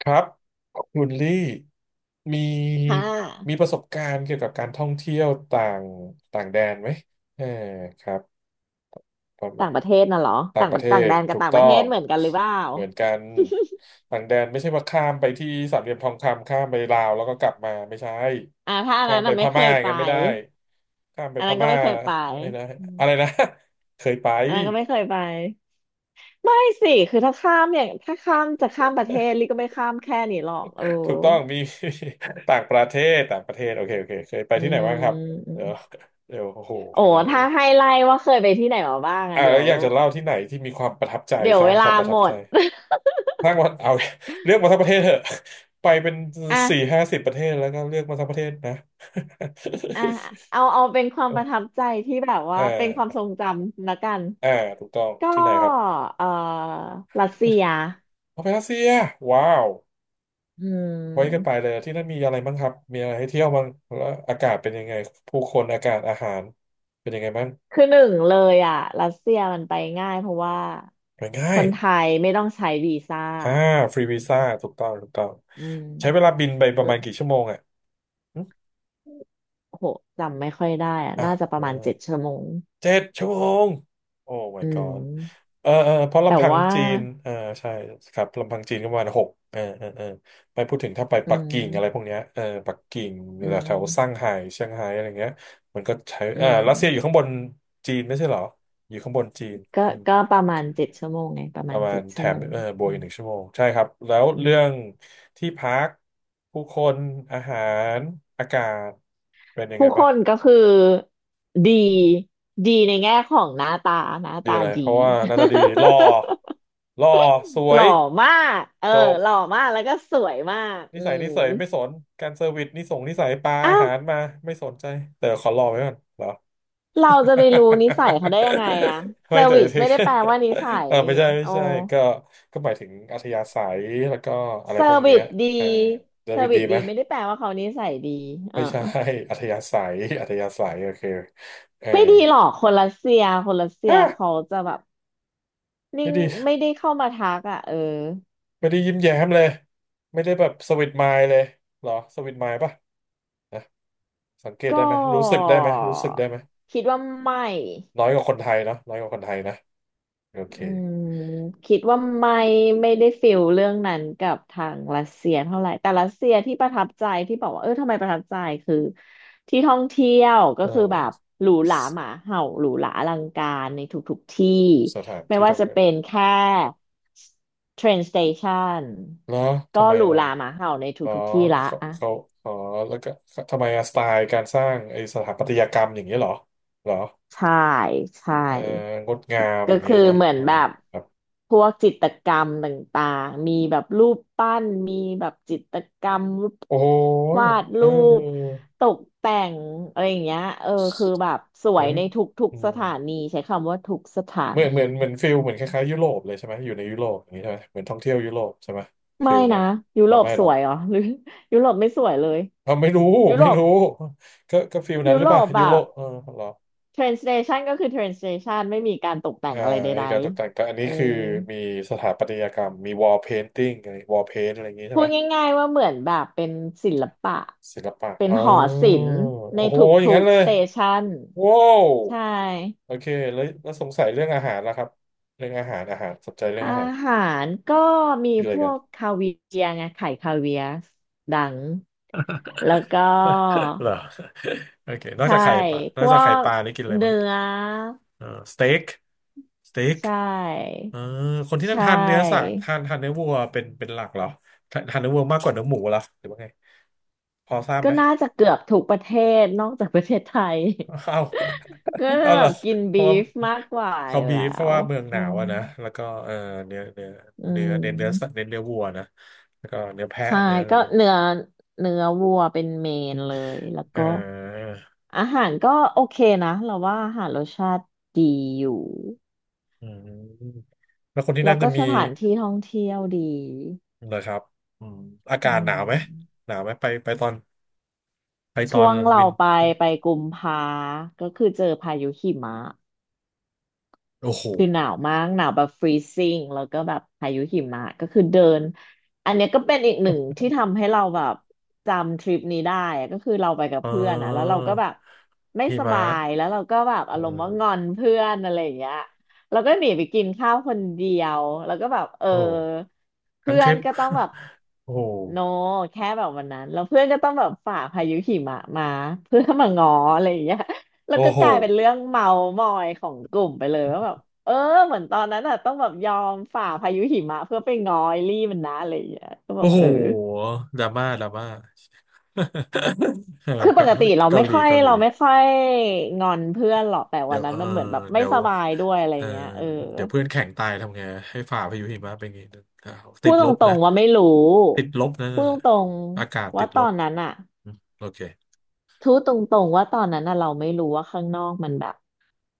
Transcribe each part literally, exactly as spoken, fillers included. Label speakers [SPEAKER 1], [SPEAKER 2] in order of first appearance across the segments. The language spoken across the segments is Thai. [SPEAKER 1] ครับคุณลี่มี
[SPEAKER 2] ค่ะ
[SPEAKER 1] มีประสบการณ์เกี่ยวกับการท่องเที่ยวต่างต่างแดนไหมเออครับประมา
[SPEAKER 2] ต่า
[SPEAKER 1] ณ
[SPEAKER 2] งประเทศน่ะเหรอ
[SPEAKER 1] ต่าง
[SPEAKER 2] ต่าง
[SPEAKER 1] ป
[SPEAKER 2] ป
[SPEAKER 1] ระ
[SPEAKER 2] ระ
[SPEAKER 1] เท
[SPEAKER 2] ต่าง
[SPEAKER 1] ศ
[SPEAKER 2] แดนกั
[SPEAKER 1] ถู
[SPEAKER 2] บ
[SPEAKER 1] ก
[SPEAKER 2] ต่างป
[SPEAKER 1] ต้อ
[SPEAKER 2] ระเทศ
[SPEAKER 1] ง
[SPEAKER 2] เหมือนกันหรือเปล่า
[SPEAKER 1] เหมือนกันต่างแดนไม่ใช่ว่าข้ามไปที่สามเหลี่ยมทองคำข้ามไปลาวแล้วก็กลับมาไม่ใช่
[SPEAKER 2] อ่าถ้าอัน
[SPEAKER 1] ข้า
[SPEAKER 2] นั้
[SPEAKER 1] ม
[SPEAKER 2] น
[SPEAKER 1] ไป
[SPEAKER 2] น่ะ
[SPEAKER 1] พ
[SPEAKER 2] ไม่เค
[SPEAKER 1] ม่า
[SPEAKER 2] ย
[SPEAKER 1] อย่า
[SPEAKER 2] ไป
[SPEAKER 1] งนั้นไม่ได้ข้ามไป
[SPEAKER 2] อัน
[SPEAKER 1] พ
[SPEAKER 2] นั้นก็
[SPEAKER 1] ม่า
[SPEAKER 2] ไม่เคยไป
[SPEAKER 1] ไม่ได้
[SPEAKER 2] อม
[SPEAKER 1] อะไรนะ เคยไป
[SPEAKER 2] อันนั้นก็ไม่เคยไปไม่สิคือถ้าข้ามอย่างถ้าข้ามจะข้ามประเทศลิก็ไม่ข้ามแค่นี้หรอกเออ
[SPEAKER 1] ถูกต้องมี ต่างประเทศต่างประเทศโอเคโอเคเคยไป
[SPEAKER 2] อื
[SPEAKER 1] ที่ไหน
[SPEAKER 2] ม
[SPEAKER 1] บ้างครับ
[SPEAKER 2] อืม
[SPEAKER 1] เดี๋ยวเดี๋ยวโอ้โห
[SPEAKER 2] โอ้
[SPEAKER 1] ขนาดนั้น
[SPEAKER 2] ถ้า
[SPEAKER 1] เลย
[SPEAKER 2] ให้ไล่ว่าเคยไปที่ไหนมาบ้าง
[SPEAKER 1] อ่า
[SPEAKER 2] อ่ะเดี๋
[SPEAKER 1] แล้
[SPEAKER 2] ย
[SPEAKER 1] ว
[SPEAKER 2] ว
[SPEAKER 1] อยากจะเล่าที่ไหนที่มีความประทับใจ
[SPEAKER 2] เดี๋ยว
[SPEAKER 1] สร้า
[SPEAKER 2] เว
[SPEAKER 1] งค
[SPEAKER 2] ลา
[SPEAKER 1] วามประทั
[SPEAKER 2] หม
[SPEAKER 1] บใจ
[SPEAKER 2] ด
[SPEAKER 1] สร้างวันเอา เลือกมาทั้งประเทศเถอะ ไปเป็น
[SPEAKER 2] อ่ะ
[SPEAKER 1] สี่ห้าสิบประเทศแล้วก็เลือกมาทั้งประเทศนะ
[SPEAKER 2] อ่ะเอาเอาเป็นความป ระทับใจที่แบบ
[SPEAKER 1] เอ
[SPEAKER 2] ว่าเป็นความทร
[SPEAKER 1] อ
[SPEAKER 2] งจำละกัน
[SPEAKER 1] เออถูกต้อง
[SPEAKER 2] ก็
[SPEAKER 1] ที่ไหนครับ
[SPEAKER 2] เอ่อรัสเซีย
[SPEAKER 1] เอาไปรัสเซียว้าว
[SPEAKER 2] อื
[SPEAKER 1] ไว้กันไป
[SPEAKER 2] ม
[SPEAKER 1] เลยที่นั่นมีอะไรบ้างครับมีอะไรให้เที่ยวบ้างแล้วอากาศเป็นยังไงผู้คนอากาศอาหารเป็นยังไงบ้าง
[SPEAKER 2] คือหนึ่งเลยอ่ะรัสเซียมันไปง่ายเพราะว่า
[SPEAKER 1] ไปง่า
[SPEAKER 2] ค
[SPEAKER 1] ย
[SPEAKER 2] นไทยไม่ต้องใช้วีซ่า
[SPEAKER 1] อ่าฟรีวีซ่าถูกต้องถูกต้อง
[SPEAKER 2] อืม
[SPEAKER 1] ใช้เวลาบินไปป
[SPEAKER 2] เอ
[SPEAKER 1] ระ
[SPEAKER 2] อ
[SPEAKER 1] มาณกี่ชั่วโมงอ่ะหึ
[SPEAKER 2] โหจำไม่ค่อยได้อ่ะ
[SPEAKER 1] อ้า
[SPEAKER 2] น่า
[SPEAKER 1] ว
[SPEAKER 2] จะป
[SPEAKER 1] เอ
[SPEAKER 2] ระ
[SPEAKER 1] อ
[SPEAKER 2] มาณเจ็ดชั่วโมง
[SPEAKER 1] เจ็ดชั่วโมงโอ้ my
[SPEAKER 2] อื
[SPEAKER 1] god
[SPEAKER 2] ม
[SPEAKER 1] เออเออเพราะ
[SPEAKER 2] แต่
[SPEAKER 1] ลำพัง
[SPEAKER 2] ว่า
[SPEAKER 1] จีนเออใช่ครับลำพังจีนก็ประมาณหกเออเออเออไม่พูดถึงถ้าไป
[SPEAKER 2] อื
[SPEAKER 1] ปักกิ่งอะไรพวก
[SPEAKER 2] ม
[SPEAKER 1] เนี้ยเออปักกิ่ง
[SPEAKER 2] อื
[SPEAKER 1] แถวซ่าง
[SPEAKER 2] ม
[SPEAKER 1] ไฮ้เซี่ยงไฮ้อะไรเงี้ยมันก็ใช้
[SPEAKER 2] อื
[SPEAKER 1] เออรัสเซียอยู่ข้า
[SPEAKER 2] ม
[SPEAKER 1] งบนจีนไม่ใช่เหรออยู่ข้างบนจีน
[SPEAKER 2] ก็
[SPEAKER 1] อืม
[SPEAKER 2] ก็ประมาณเจ็ดชั่วโมงไงประ
[SPEAKER 1] ป
[SPEAKER 2] มา
[SPEAKER 1] ระ
[SPEAKER 2] ณ
[SPEAKER 1] มา
[SPEAKER 2] เจ็
[SPEAKER 1] ณ
[SPEAKER 2] ด
[SPEAKER 1] แถ
[SPEAKER 2] ชั่วโม
[SPEAKER 1] ม
[SPEAKER 2] ง
[SPEAKER 1] เออบวก
[SPEAKER 2] อื
[SPEAKER 1] อีก
[SPEAKER 2] ม
[SPEAKER 1] หนึ่งชั่วโมงใช่ครับแล้ว
[SPEAKER 2] อื
[SPEAKER 1] เรื่อง
[SPEAKER 2] ม
[SPEAKER 1] ที่พักผู้คนอาหารอากาศเป็นยังไง
[SPEAKER 2] ผู้ค
[SPEAKER 1] บ้าง
[SPEAKER 2] นก็คือดีดีในแง่ของหน้าตาหน้า
[SPEAKER 1] ดี
[SPEAKER 2] ตา
[SPEAKER 1] อะไรเพ
[SPEAKER 2] ดี
[SPEAKER 1] ราะว่าหน้าตาดีหล่อ หล่อสว
[SPEAKER 2] หล่
[SPEAKER 1] ย
[SPEAKER 2] อมากเออ
[SPEAKER 1] จบ
[SPEAKER 2] หล่อมาก แล้วก็สวยมาก
[SPEAKER 1] นิ
[SPEAKER 2] อื
[SPEAKER 1] สัย
[SPEAKER 2] ม
[SPEAKER 1] นิสัยไม่สนการเซอร์วิสนิสงนิสัยปลา
[SPEAKER 2] อ้า
[SPEAKER 1] อา
[SPEAKER 2] ว
[SPEAKER 1] หารมาไม่สนใจแต่ขอรอไว้ก่อนเหรอ
[SPEAKER 2] เราจะไปรู้นิสัยเขาได้ยังไงอะ เซ
[SPEAKER 1] ไม่
[SPEAKER 2] อร์
[SPEAKER 1] แต่
[SPEAKER 2] วิส
[SPEAKER 1] ถึง
[SPEAKER 2] ไม่ได้แปลว่านิสั ย
[SPEAKER 1] เออ
[SPEAKER 2] นี่
[SPEAKER 1] ไม่ใช่ไม่
[SPEAKER 2] โอ้
[SPEAKER 1] ใช่ก็ก็หมายถึงอัธยาศัยแล้วก็อะไร
[SPEAKER 2] เซอ
[SPEAKER 1] พวก
[SPEAKER 2] ร์วิ
[SPEAKER 1] เนี้ย
[SPEAKER 2] สดี
[SPEAKER 1] เออเซอ
[SPEAKER 2] เซ
[SPEAKER 1] ร์
[SPEAKER 2] อ
[SPEAKER 1] วิ
[SPEAKER 2] ร์
[SPEAKER 1] ส
[SPEAKER 2] วิ
[SPEAKER 1] ดี
[SPEAKER 2] ส
[SPEAKER 1] ไห
[SPEAKER 2] ดี
[SPEAKER 1] ม
[SPEAKER 2] ไม่ได้แปลว่าเขานิสัยดีอ่า
[SPEAKER 1] ไม่ใช่ อัธยาศัยอัธยาศัยโอเคเออ
[SPEAKER 2] ไม่ดีหรอกคนรัสเซียคนรัสเซีย
[SPEAKER 1] ฮะ
[SPEAKER 2] เขาจะแบบ
[SPEAKER 1] ไม่
[SPEAKER 2] นิ่ง
[SPEAKER 1] ดี
[SPEAKER 2] ไม่ได้เข้ามาทักอะเออ
[SPEAKER 1] ไม่ได้ยิ้มแย้มเลยไม่ได้แบบสวิตไมล์เลยเหรอสวิตไมล์ปะนะสังเกตได้
[SPEAKER 2] ก็
[SPEAKER 1] ไหมรู้สึกได้ไหมรู้สึกได้ไหม
[SPEAKER 2] คิดว่าไม่
[SPEAKER 1] น้อยกว่าคนไทยเนาะน้อยกว่าคนไทยนะโอเค
[SPEAKER 2] อืมคิดว่าไม่ไม่ได้ฟิลเรื่องนั้นกับทางรัสเซียเท่าไหร่แต่รัสเซียที่ประทับใจที่บอกว่าเออทำไมประทับใจคือที่ท่องเที่ยวก็
[SPEAKER 1] เอ
[SPEAKER 2] คือแบบ
[SPEAKER 1] อ
[SPEAKER 2] หรูหราหมาเห่าหรูหราอลังการในทุกๆที่
[SPEAKER 1] สถาน
[SPEAKER 2] ไม่
[SPEAKER 1] ที่
[SPEAKER 2] ว่า
[SPEAKER 1] ท่อง
[SPEAKER 2] จะ
[SPEAKER 1] เที่ยว
[SPEAKER 2] เป็นแค่เทรนสเตชัน
[SPEAKER 1] เหรอทำ
[SPEAKER 2] ก็
[SPEAKER 1] ไม
[SPEAKER 2] หรู
[SPEAKER 1] ล่ะ
[SPEAKER 2] หราหมาเห่าใน
[SPEAKER 1] เหรอ
[SPEAKER 2] ทุกๆที่ละ
[SPEAKER 1] เขา
[SPEAKER 2] อ่ะ
[SPEAKER 1] เขาอ๋อแล้วก็ทำไมอะสไตล์การสร้างไอสถาปัตยกรรมอย่างเงี้ยเหรอเหรอ
[SPEAKER 2] ใช่ใช่
[SPEAKER 1] เอองดงาม
[SPEAKER 2] ก็
[SPEAKER 1] อย่างเงี้
[SPEAKER 2] คือ
[SPEAKER 1] ยนะ
[SPEAKER 2] เหมือน
[SPEAKER 1] เออ
[SPEAKER 2] แบบ
[SPEAKER 1] ครับ
[SPEAKER 2] พวกจิตรกรรมต่างๆมีแบบรูปปั้นมีแบบจิตรกรรมรูป
[SPEAKER 1] โอ้ย
[SPEAKER 2] วาด
[SPEAKER 1] เออ
[SPEAKER 2] รูปตกแต่งอะไรอย่างเงี้ยเออคือแบบส
[SPEAKER 1] เห
[SPEAKER 2] ว
[SPEAKER 1] มื
[SPEAKER 2] ย
[SPEAKER 1] อน
[SPEAKER 2] ในทุก
[SPEAKER 1] อื
[SPEAKER 2] ๆส
[SPEAKER 1] ม
[SPEAKER 2] ถานีใช้คำว่าทุกสถา
[SPEAKER 1] เหมือน
[SPEAKER 2] นี
[SPEAKER 1] เหมือนเหมือนฟิล
[SPEAKER 2] อื
[SPEAKER 1] เหมือนค
[SPEAKER 2] ม
[SPEAKER 1] ล้ายๆยุโรปเลยใช่ไหมอยู่ในยุโรปอย่างนี้ใช่ไหมเหมือนท่องเที่ยวยุโรปใช่ไหมฟิ
[SPEAKER 2] ไม่
[SPEAKER 1] ลนั้
[SPEAKER 2] นะ
[SPEAKER 1] น
[SPEAKER 2] ยุ
[SPEAKER 1] เรา
[SPEAKER 2] โรป
[SPEAKER 1] ไม่
[SPEAKER 2] ส
[SPEAKER 1] หรอ
[SPEAKER 2] ว
[SPEAKER 1] ก
[SPEAKER 2] ยเหรอหรือยุโรปไม่สวยเลย
[SPEAKER 1] เราไม่รู้
[SPEAKER 2] ยุโร
[SPEAKER 1] ไม่
[SPEAKER 2] ป
[SPEAKER 1] รู้ก็ก็ฟิลนั้น
[SPEAKER 2] ยุ
[SPEAKER 1] หรือ
[SPEAKER 2] โร
[SPEAKER 1] เปล่า
[SPEAKER 2] ปแบ
[SPEAKER 1] ยุโร
[SPEAKER 2] บ
[SPEAKER 1] ปเออเหรอ
[SPEAKER 2] train station ก็คือ train station ไม่มีการตกแต่
[SPEAKER 1] เอ่า
[SPEAKER 2] งอะไร
[SPEAKER 1] ไอ
[SPEAKER 2] ใด
[SPEAKER 1] การตกแต่งแต่อัน
[SPEAKER 2] ๆอื
[SPEAKER 1] นี้คือ
[SPEAKER 2] ม
[SPEAKER 1] มีสถาปัตยกรรมมีวอลเพนติ้งอะไรวอลเพนอะไรอย่างนี้ใช่
[SPEAKER 2] พู
[SPEAKER 1] ไหม
[SPEAKER 2] ดง่ายๆว่าเหมือนแบบเป็นศิลปะ
[SPEAKER 1] ศิลปะ
[SPEAKER 2] เป็น
[SPEAKER 1] อ๋อ
[SPEAKER 2] หอศิลป์ใน
[SPEAKER 1] โอ้โห
[SPEAKER 2] ท
[SPEAKER 1] อย่าง
[SPEAKER 2] ุ
[SPEAKER 1] นั้
[SPEAKER 2] ก
[SPEAKER 1] นเล
[SPEAKER 2] ๆ
[SPEAKER 1] ย
[SPEAKER 2] สเตชัน
[SPEAKER 1] ว้าว
[SPEAKER 2] ใช่
[SPEAKER 1] โอเคแล้วแล้วสงสัยเรื่องอาหารแล้วครับเรื่องอาหารอาหารสนใจเรื่อง
[SPEAKER 2] อา
[SPEAKER 1] อาหาร
[SPEAKER 2] หารก็มี
[SPEAKER 1] คืออะ
[SPEAKER 2] พ
[SPEAKER 1] ไรกั
[SPEAKER 2] ว
[SPEAKER 1] น
[SPEAKER 2] กคาเวียร์ไงไข่คาเวียร์ดังแล้วก็
[SPEAKER 1] เหรอโอเคนอก
[SPEAKER 2] ใช่
[SPEAKER 1] จากไข่ปลาน
[SPEAKER 2] พ
[SPEAKER 1] อก
[SPEAKER 2] ว
[SPEAKER 1] จากไข่ป
[SPEAKER 2] ก
[SPEAKER 1] ลานี่กินอะไรบ้า
[SPEAKER 2] เนื้
[SPEAKER 1] ง
[SPEAKER 2] อ
[SPEAKER 1] เออสเต็กสเต็ก
[SPEAKER 2] ใช่
[SPEAKER 1] เออคนที่
[SPEAKER 2] ใช
[SPEAKER 1] นั่นทานเนื้อสัต
[SPEAKER 2] ่
[SPEAKER 1] ว์ทานทานเนื้อวัวเป็นเป็นหลักเหรอทานทานเนื้อวัวมากกว่าเนื้อหมูเหรอหรือว่าไงพอทราบ
[SPEAKER 2] ก็
[SPEAKER 1] ไหม
[SPEAKER 2] น่าจะเกือบทุกประเทศนอกจากประเทศไทย
[SPEAKER 1] เอา
[SPEAKER 2] ก็จะ
[SPEAKER 1] เอา
[SPEAKER 2] แบ
[SPEAKER 1] เหรอ
[SPEAKER 2] บกิน
[SPEAKER 1] เพ
[SPEAKER 2] บี
[SPEAKER 1] ราะว่า
[SPEAKER 2] ฟมากกว่า
[SPEAKER 1] เขา
[SPEAKER 2] อยู่
[SPEAKER 1] บี
[SPEAKER 2] แล้
[SPEAKER 1] ฟเพราะ
[SPEAKER 2] ว
[SPEAKER 1] ว่าเมืองห
[SPEAKER 2] อื
[SPEAKER 1] นาว
[SPEAKER 2] ม
[SPEAKER 1] อะนะแล้วก็เออเนื้อเนื้อ
[SPEAKER 2] อื
[SPEAKER 1] เนื้อเน้นเนื้อสัตว์
[SPEAKER 2] ม
[SPEAKER 1] เน้นเนื้อวัวนะแล้วก็เนื้อแพะ
[SPEAKER 2] ใช่
[SPEAKER 1] เนื้ออะไร
[SPEAKER 2] ก็
[SPEAKER 1] พวกนี้
[SPEAKER 2] เนื้อเนื้อวัวเป็นเมนเลยแล้ว
[SPEAKER 1] เ
[SPEAKER 2] ก็
[SPEAKER 1] ออ
[SPEAKER 2] อาหารก็โอเคนะเราว่าอาหารรสชาติดีอยู่
[SPEAKER 1] อืมแล้วคนที่
[SPEAKER 2] แล้
[SPEAKER 1] นั่
[SPEAKER 2] ว
[SPEAKER 1] นจะ
[SPEAKER 2] ก็
[SPEAKER 1] มี
[SPEAKER 2] สถานที่ท่องเที่ยวดี
[SPEAKER 1] เลยครับอืมอา
[SPEAKER 2] อื
[SPEAKER 1] กาศหนา
[SPEAKER 2] ม
[SPEAKER 1] วไหมหนาวไหมไปไปตอนไปตอ
[SPEAKER 2] ช่
[SPEAKER 1] น
[SPEAKER 2] วงเรา
[SPEAKER 1] วิน
[SPEAKER 2] ไปไปกุมภาก็คือเจอพายุหิมะ
[SPEAKER 1] โอ้โห
[SPEAKER 2] คือหนาวมากหนาวแบบฟรีซิ่งแล้วก็แบบพายุหิมะก็คือเดินอันเนี้ยก็เป็นอีกหนึ่งที่ทำให้เราแบบจำทริปนี้ได้อะก็คือเราไปกับ
[SPEAKER 1] เอ
[SPEAKER 2] เพื่อนอ่ะแล้วเรา
[SPEAKER 1] อ
[SPEAKER 2] ก็แบบไม่
[SPEAKER 1] หิ
[SPEAKER 2] ส
[SPEAKER 1] มะ
[SPEAKER 2] บายแล้วเราก็แบบอา
[SPEAKER 1] เอ
[SPEAKER 2] รมณ์
[SPEAKER 1] อ
[SPEAKER 2] ว่างอนเพื่อนอะไรอย่างเงี้ยเราก็หนีไปกินข้าวคนเดียวแล้วก็แบบเออ
[SPEAKER 1] โอ้โหทั้ง
[SPEAKER 2] เพื่
[SPEAKER 1] ท
[SPEAKER 2] อ
[SPEAKER 1] ริ
[SPEAKER 2] น
[SPEAKER 1] ป
[SPEAKER 2] ก็ต้องแบบ
[SPEAKER 1] โอ้โห
[SPEAKER 2] โนแค่แบบวันนั้นแล้วเพื่อนก็ต้องแบบฝ่าพายุหิมะมาเพื่อมาง้ออะไรอย่างเงี้ยแล้ว
[SPEAKER 1] โอ้
[SPEAKER 2] ก็
[SPEAKER 1] โห
[SPEAKER 2] กลายเป็นเรื่องเมามอยของกลุ่มไปเลยว่าแบบ เออเหมือนตอนนั้นอ่ะต้องแบบยอมฝ่าพายุหิมะเพื่อไปง้อไอลี่มันนะอะไรอย่างเงี้ยก็แบ
[SPEAKER 1] โอ้
[SPEAKER 2] บ
[SPEAKER 1] โห
[SPEAKER 2] เออ
[SPEAKER 1] ดราม่าดราม่า เออ
[SPEAKER 2] คือป
[SPEAKER 1] เกา
[SPEAKER 2] กติเรา
[SPEAKER 1] เกา
[SPEAKER 2] ไม่
[SPEAKER 1] หลี
[SPEAKER 2] ค่อย
[SPEAKER 1] เกาหลี
[SPEAKER 2] เราไม่ค่อยงอนเพื่อนหรอกแต่
[SPEAKER 1] เดี๋
[SPEAKER 2] วั
[SPEAKER 1] ย
[SPEAKER 2] น
[SPEAKER 1] ว
[SPEAKER 2] นั้
[SPEAKER 1] เอ
[SPEAKER 2] น
[SPEAKER 1] อ
[SPEAKER 2] มันเหมือนแบบไม่
[SPEAKER 1] เดี๋ยว
[SPEAKER 2] สบายด้วยอะไร
[SPEAKER 1] เออ
[SPEAKER 2] เงี้ยเออ
[SPEAKER 1] เดี๋ยวเพื่อนแข่งตายทำไง ให้ฝ่าพายุหิมะเป็นไงติ
[SPEAKER 2] พู
[SPEAKER 1] ด
[SPEAKER 2] ดต
[SPEAKER 1] ลบ
[SPEAKER 2] ร
[SPEAKER 1] นะ
[SPEAKER 2] งๆว่าไม่รู้
[SPEAKER 1] ติดลบนะ
[SPEAKER 2] พูดตรง
[SPEAKER 1] อากาศ
[SPEAKER 2] ๆ
[SPEAKER 1] ติ
[SPEAKER 2] ว่า
[SPEAKER 1] ด
[SPEAKER 2] ต
[SPEAKER 1] ล
[SPEAKER 2] อ
[SPEAKER 1] บ
[SPEAKER 2] นนั้นอ่ะ
[SPEAKER 1] โอเค
[SPEAKER 2] พูดตรงๆว่าตอนนั้นอ่ะเราไม่รู้ว่าข้างนอกมันแบบ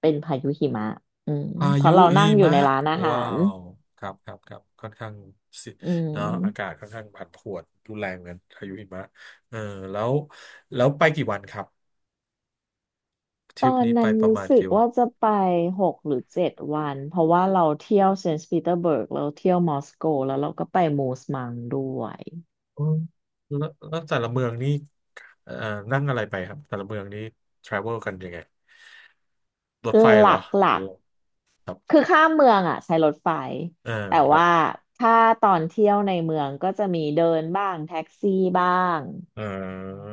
[SPEAKER 2] เป็นพายุหิมะอืม
[SPEAKER 1] พา
[SPEAKER 2] เพ
[SPEAKER 1] ยุ
[SPEAKER 2] ราะเรา
[SPEAKER 1] หิ
[SPEAKER 2] นั่งอยู่
[SPEAKER 1] มะ
[SPEAKER 2] ในร้านอาหา
[SPEAKER 1] ว้า
[SPEAKER 2] ร
[SPEAKER 1] วครับครับครับค่อนข้างสิ
[SPEAKER 2] อื
[SPEAKER 1] เนาะอากาศ
[SPEAKER 2] ม
[SPEAKER 1] ค่อนข้างผันผวนรุนแรงเหมือนกันพายุหิมะเออแล้วแล้วไปกี่วันครับท
[SPEAKER 2] ต
[SPEAKER 1] ริป
[SPEAKER 2] อน
[SPEAKER 1] นี้ไป
[SPEAKER 2] นั้น
[SPEAKER 1] ประ
[SPEAKER 2] รู้
[SPEAKER 1] มาณ
[SPEAKER 2] สึก
[SPEAKER 1] กี่วัน
[SPEAKER 2] ว่าจะไปหกหรือเจ็ดวันเพราะว่าเราเที่ยวเซนต์ปีเตอร์เบิร์กเราเที่ยวมอสโกแล้วเราก็ไปมูสมังด้วย
[SPEAKER 1] อืมแล้วแล้วแต่ละเมืองนี่เอ่อนั่งอะไรไปครับแต่ละเมืองนี่ทราเวลกันยังไงรถไฟ
[SPEAKER 2] ห
[SPEAKER 1] เหรอ
[SPEAKER 2] ลั
[SPEAKER 1] หรื
[SPEAKER 2] ก
[SPEAKER 1] อครั
[SPEAKER 2] ๆ
[SPEAKER 1] บ
[SPEAKER 2] คือข้ามเมืองอ่ะใช้รถไฟ
[SPEAKER 1] เออ
[SPEAKER 2] แต่
[SPEAKER 1] แล้ว
[SPEAKER 2] ว่าถ้าตอนเที่ยวในเมืองก็จะมีเดินบ้างแท็กซี่บ้าง
[SPEAKER 1] เออ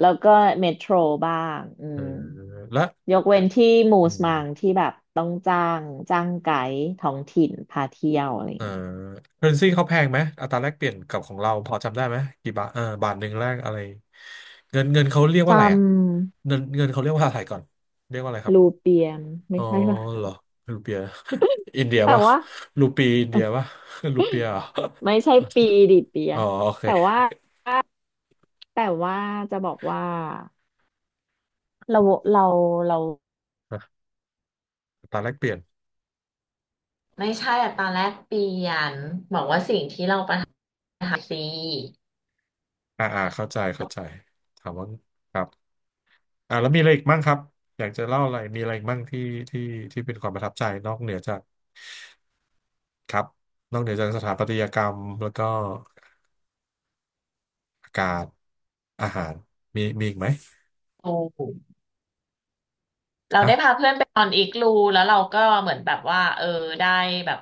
[SPEAKER 2] แล้วก็เมโทรบ้างอื
[SPEAKER 1] เออ
[SPEAKER 2] ม
[SPEAKER 1] แล้ว
[SPEAKER 2] ยกเว้นที่มู
[SPEAKER 1] อื
[SPEAKER 2] ส
[SPEAKER 1] ม
[SPEAKER 2] มังที่แบบต้องจ้างจ้างไกด์ท้องถิ่นพาเที่ยวอะไร
[SPEAKER 1] เออ
[SPEAKER 2] เงี้ย
[SPEAKER 1] เคอเรนซี เขาแพงไหมอัตราแลกเปลี่ยนกับของเราพอจำได้ไหมกี่บาทเออบาทหนึ่งแลกอะไรเงินเงินเขาเรียกว่าอะไรอ่ะ
[SPEAKER 2] จ
[SPEAKER 1] เงินเงินเขาเรียกว่าอะไรก่อนเรียกว่าอะไรค
[SPEAKER 2] ำ
[SPEAKER 1] รับ
[SPEAKER 2] ลูเปียมไม่
[SPEAKER 1] อ๋อ
[SPEAKER 2] ใช่ป่ะ
[SPEAKER 1] เหรอรูเปีย อินเดีย
[SPEAKER 2] แต่
[SPEAKER 1] ป่ะ
[SPEAKER 2] ว่า
[SPEAKER 1] รูปีอินเดียป่ะ รูเปียเหรอ
[SPEAKER 2] ไม่ใช่ปีดิเปี ย
[SPEAKER 1] อ๋อโอ
[SPEAKER 2] แต่
[SPEAKER 1] เค
[SPEAKER 2] ว่าแต่ว่าจะบอกว่าเราเราเรา
[SPEAKER 1] อ่ะอัตราแลกเปลี่ยน
[SPEAKER 2] ไม่ใช่อะตอนแรกเปลี่ยนบอกว่าสิ่งที่เราประทับใจซี
[SPEAKER 1] อ่าอ่าเข้าใจเข้าใจถามว่าครับอ่าแล้วมีอะไรอีกบ้างครับอยากจะเล่าอะไรมีอะไรอีกมั่งที่ที่ที่เป็นความประทับใจนอกเหนือจากครับนอกเหนือจากสถาปัตยกรรมแล้วก็อากาศ อาหารมีมีอีกไหม
[SPEAKER 2] รูเรา
[SPEAKER 1] ฮะ
[SPEAKER 2] ได้พาเพื่อนไปนอนอีกรูแล้วเราก็เหมือนแบบว่าเออได้แบบ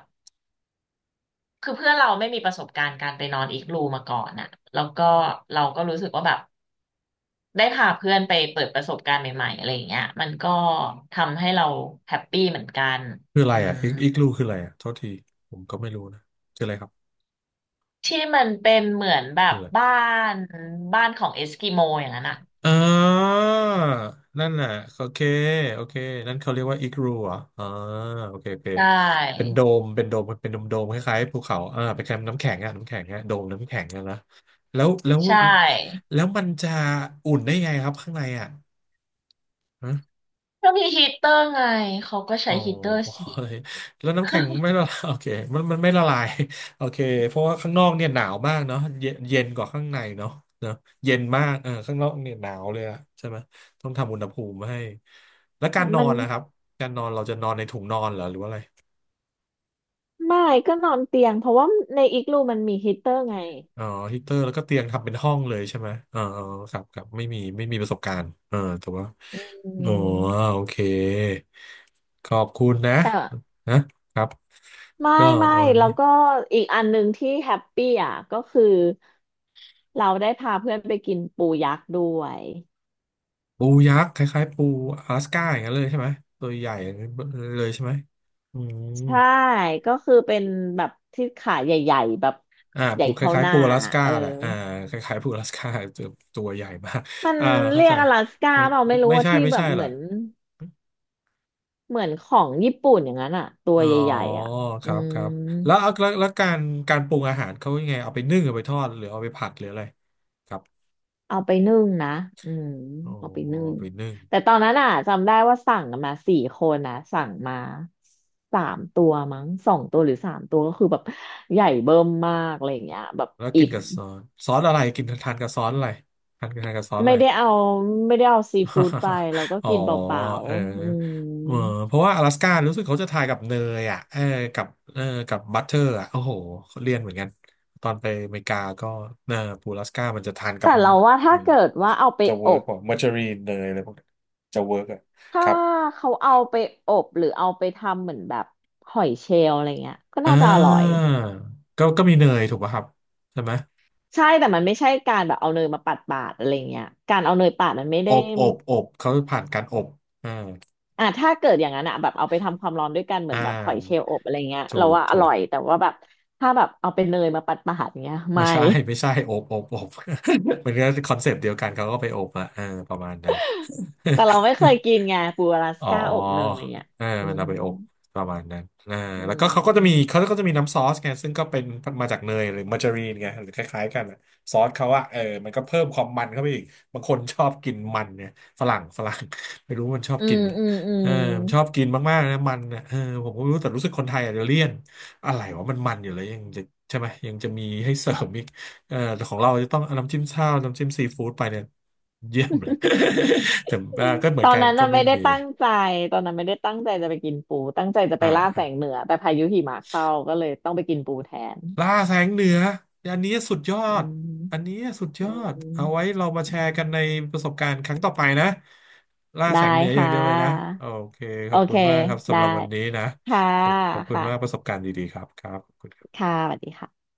[SPEAKER 2] คือเพื่อนเราไม่มีประสบการณ์การไปนอนอีกรูมาก่อนน่ะแล้วก็เราก็รู้สึกว่าแบบได้พาเพื่อนไปเปิดประสบการณ์ใหม่ๆอะไรอย่างเงี้ยมันก็ทำให้เราแฮปปี้เหมือนกัน
[SPEAKER 1] คืออะไร
[SPEAKER 2] อื
[SPEAKER 1] อ่ะ
[SPEAKER 2] ม
[SPEAKER 1] อีกอีกลูคืออะไรอ่ะโทษทีผมก็ไม่รู้นะคืออะไรครับ
[SPEAKER 2] ที่มันเป็นเหมือนแบ
[SPEAKER 1] คือ
[SPEAKER 2] บ
[SPEAKER 1] อะไร
[SPEAKER 2] บ้านบ้านของเอสกิโมอย่างนั้นอ่ะ
[SPEAKER 1] อ่านั่นน่ะโอเคโอเคนั่นเขาเรียกว่าอีกรูเหรอะอ่าโอเคโอเค
[SPEAKER 2] ใช
[SPEAKER 1] เป็น
[SPEAKER 2] ่
[SPEAKER 1] โดมเป็นโดมเป็นโดมโดมคล้ายๆภูเขาอ่าเป็นแคมป์น้ำแข็งอ่ะน้ำแข็งอ่ะโดมน้ำแข็งอ่ะนะแล้วแล้ว
[SPEAKER 2] ใช่
[SPEAKER 1] แล้วมันจะอุ่นได้ไงครับข้างในอ่ะ
[SPEAKER 2] ก็มีฮีตเตอร์ไงเขาก็ใช้
[SPEAKER 1] อ๋อ
[SPEAKER 2] ฮีตเตอร์สิ
[SPEAKER 1] แล้วน้ำแข็งไม่ละลาย โอเคมันมันไม่ละลาย โอเคเพราะว่าข้างนอกเนี่ยหนาวมากเนาะเย็นเย็นกว่าข้างในเนาะเนาะเย็นมากเออข้างนอกเนี่ยหนาวเลยอะใช่ไหมต้องทำอุณหภูมิให้แล้วการนอ
[SPEAKER 2] มัน
[SPEAKER 1] นนะครับการนอนเราจะนอนในถุงนอนเหรอหรือว่าอะไร
[SPEAKER 2] ไม่ก็นอนเตียงเพราะว่าในอีกรูมันมีฮีตเตอร์ไง
[SPEAKER 1] อ๋อฮีเตอร์แล้วก็เตียงทำเป็นห้องเลยใช่ไหมเออเออครับครับไม่มีไม่มีประสบการณ์เออแต่ว่า
[SPEAKER 2] อื
[SPEAKER 1] โอ้
[SPEAKER 2] ม
[SPEAKER 1] โอเคขอบคุณนะ
[SPEAKER 2] แต่
[SPEAKER 1] นะครับ
[SPEAKER 2] ไม่
[SPEAKER 1] ก็
[SPEAKER 2] ไม่
[SPEAKER 1] วัน
[SPEAKER 2] แล้
[SPEAKER 1] นี้
[SPEAKER 2] วก็อีกอันหนึ่งที่แฮปปี้อ่ะก็คือเราได้พาเพื่อนไปกินปูยักษ์ด้วย
[SPEAKER 1] ปูยักษ์คล้ายๆปู阿拉สก้าอย่างนั้นเลยใช่ไหมตัวใหญ่เลยใช่ไหมอืม
[SPEAKER 2] ใช่ก็คือเป็นแบบที่ขาใหญ่ๆแบบ
[SPEAKER 1] อ่า
[SPEAKER 2] ใหญ่
[SPEAKER 1] ปูค
[SPEAKER 2] เท่า
[SPEAKER 1] ล้า
[SPEAKER 2] ห
[SPEAKER 1] ยๆ
[SPEAKER 2] น้า
[SPEAKER 1] ปู阿拉ส
[SPEAKER 2] อะ
[SPEAKER 1] ก้า
[SPEAKER 2] เออ
[SPEAKER 1] แหละอ่าคล้ายๆปู阿拉สก้า ตัวตัวใหญ่มาก
[SPEAKER 2] มัน
[SPEAKER 1] อ่าเข้า
[SPEAKER 2] เรีย
[SPEAKER 1] ใจ
[SPEAKER 2] กอลาสก้า
[SPEAKER 1] ไม่
[SPEAKER 2] เปล่า
[SPEAKER 1] ไม่
[SPEAKER 2] ไม่รู้
[SPEAKER 1] ไม่
[SPEAKER 2] ว่า
[SPEAKER 1] ใช่
[SPEAKER 2] ที่
[SPEAKER 1] ไม่
[SPEAKER 2] แบ
[SPEAKER 1] ใช่
[SPEAKER 2] บเหมื
[SPEAKER 1] ล่ะ
[SPEAKER 2] อนเหมือนของญี่ปุ่นอย่างนั้นอะตัว
[SPEAKER 1] อ๋อ
[SPEAKER 2] ใหญ่ๆอะ
[SPEAKER 1] ค
[SPEAKER 2] อื
[SPEAKER 1] รับค
[SPEAKER 2] ม
[SPEAKER 1] รับแล้วแล้วแล้วแล้วการการปรุงอาหารเขายังไงเอาไปนึ่งเอาไปทอดหรือเอาไปผัดหรืออะไรครับ
[SPEAKER 2] เอาไปนึ่งนะอืม
[SPEAKER 1] โอ้
[SPEAKER 2] เอาไปนึ่ง
[SPEAKER 1] เอาไปนึ่ง
[SPEAKER 2] แต่ตอนนั้นอ่ะจำได้ว่าสั่งกันมาสี่คนนะสั่งมาสามตัวมั้งสองตัวหรือสามตัวก็คือแบบใหญ่เบิ่มมากอะไรอย่างเงี้ยแบบ
[SPEAKER 1] แล้วกิ
[SPEAKER 2] อิ่
[SPEAKER 1] น
[SPEAKER 2] ม
[SPEAKER 1] กับซอสซอสอะไรกินทานกับซอสอะไรทานทานกับซอสอะ
[SPEAKER 2] ไม่
[SPEAKER 1] ไร
[SPEAKER 2] ได้เอาไม่ได้เอาซีฟู้ดไปเราก็
[SPEAKER 1] อ๋อ
[SPEAKER 2] กินเปล่า
[SPEAKER 1] เออ
[SPEAKER 2] ๆอื
[SPEAKER 1] เออ
[SPEAKER 2] ม
[SPEAKER 1] เพราะว่าอลาสก้ารู้สึกเขาจะถ่ายกับเนยอ่ะเออกับเออกับบัตเตอร์อ่ะโอ้โหเขาเรียนเหมือนกันตอนไปอเมริกาก็เนอปูอลาสก้ามันจะทานกับ
[SPEAKER 2] แต่เราว่าถ้า
[SPEAKER 1] อืม
[SPEAKER 2] เกิดว่าเอาไป
[SPEAKER 1] จะเวิ
[SPEAKER 2] อ
[SPEAKER 1] ร์ก
[SPEAKER 2] บ
[SPEAKER 1] กว่ามาร์จารีนเนยอะไรพวกนั้นจะเวิร์กอ่ะค
[SPEAKER 2] ถ้า
[SPEAKER 1] รับ
[SPEAKER 2] เขาเอาไปอบหรือเอาไปทำเหมือนแบบหอยเชลล์อะไรเงี้ยก็
[SPEAKER 1] อ่
[SPEAKER 2] น่าจะอร่อย
[SPEAKER 1] าก็ก็มีเนยถูกป่ะครับใช่ไหม
[SPEAKER 2] ใช่แต่มันไม่ใช่การแบบเอาเนยมาปาดปาดอะไรเงี้ยการเอาเนยปาดมันไม่
[SPEAKER 1] อ
[SPEAKER 2] ได้
[SPEAKER 1] บอบอบเขาผ่านการอบอ่า
[SPEAKER 2] อ่ะถ้าเกิดอย่างนั้นอะแบบเอาไปทำความร้อนด้วยกันเหมือ
[SPEAKER 1] อ่
[SPEAKER 2] นแบบหอยเชล
[SPEAKER 1] า
[SPEAKER 2] ล์อบอะไรเงี้ย
[SPEAKER 1] ถู
[SPEAKER 2] เรา
[SPEAKER 1] ก
[SPEAKER 2] ว่าอ
[SPEAKER 1] ถู
[SPEAKER 2] ร่
[SPEAKER 1] ก
[SPEAKER 2] อยแต่ว่าแบบถ้าแบบเอาไปเนยมาปาดปาดเงี้ย
[SPEAKER 1] ไม่
[SPEAKER 2] ไม่
[SPEAKER 1] ใช่ ไม่ใช่โอบโอบโอบ เหมือนกันคอนเซปต์เดียวกันเขาก็ไปโอบอะเออประมาณนั้น
[SPEAKER 2] แต่เราไม่เคย กินไงปูอลาส
[SPEAKER 1] อ๋อ
[SPEAKER 2] ก้าอบเนยอ่ะ
[SPEAKER 1] เออ
[SPEAKER 2] อื
[SPEAKER 1] มันเอา
[SPEAKER 2] ม
[SPEAKER 1] ไปอบประมาณนั้นอ่า
[SPEAKER 2] อื
[SPEAKER 1] แล้วก็เขาก็จะมี
[SPEAKER 2] ม
[SPEAKER 1] เขาก็จะมีน้ำซอสไงซึ่งก็เป็นมาจากเนยหรือมาการีนไงหรือคล้ายๆกันอะซอสเขาอะเออมันก็เพิ่มความมันเข้าไปอีกบางคนชอบกินมันเนี่ยฝรั่งฝรั่ง ไม่รู้มันชอบ
[SPEAKER 2] อื
[SPEAKER 1] กิน
[SPEAKER 2] ม
[SPEAKER 1] เหรอ
[SPEAKER 2] อืมอื
[SPEAKER 1] เออ
[SPEAKER 2] ม
[SPEAKER 1] มันชอบกินมากๆนะมันนะเออผมก็ไม่รู้แต่รู้สึกคนไทยอาจจะเลี่ยนอะไรวะมันมันอยู่เลยยังจะใช่ไหมยังจะมีให้เสริมอีกเออแต่ของเราจะต้องเอาน้ำจิ้มข้าวน้ำจิ้มซีฟู้ดไปเนี่ยเยี่ยมเลย แต่เอ่อก็เหมื
[SPEAKER 2] ต
[SPEAKER 1] อน
[SPEAKER 2] อน
[SPEAKER 1] กัน
[SPEAKER 2] นั้น
[SPEAKER 1] ก็
[SPEAKER 2] น่ะ
[SPEAKER 1] ไม่
[SPEAKER 2] ไม่ได้
[SPEAKER 1] มี
[SPEAKER 2] ตั้งใจตอนนั้นไม่ได้ตั้งใจจะไปกินปูตั้งใจจะไป
[SPEAKER 1] อ่า
[SPEAKER 2] ล่าแส
[SPEAKER 1] อ่า
[SPEAKER 2] งเหนือแต่พายุหิมะเข้าก็เลยต้องไปกินปูแทน
[SPEAKER 1] ล่าแสงเหนืออันนี้สุดยอ
[SPEAKER 2] อื
[SPEAKER 1] ด
[SPEAKER 2] ม
[SPEAKER 1] อันนี้สุดย
[SPEAKER 2] อื
[SPEAKER 1] อ
[SPEAKER 2] ม
[SPEAKER 1] ดเอาไว้เรามาแช
[SPEAKER 2] อื
[SPEAKER 1] ร์กั
[SPEAKER 2] ม
[SPEAKER 1] นในประสบการณ์ครั้งต่อไปนะล่า
[SPEAKER 2] ได้
[SPEAKER 1] แสงเหนืออย่า
[SPEAKER 2] ค่
[SPEAKER 1] งเดียวเลยนะ
[SPEAKER 2] ะ
[SPEAKER 1] โอเคข
[SPEAKER 2] โอ
[SPEAKER 1] อบคุ
[SPEAKER 2] เค
[SPEAKER 1] ณมากครับสำ
[SPEAKER 2] ได้
[SPEAKER 1] หรับวันนี้นะ
[SPEAKER 2] ค่ะ
[SPEAKER 1] ขอบขอบคุณมากประ
[SPEAKER 2] ค่ะ
[SPEAKER 1] สบการณ์ดีๆครับครับขอบคุณ
[SPEAKER 2] ค่ะสวัสดีค่ะ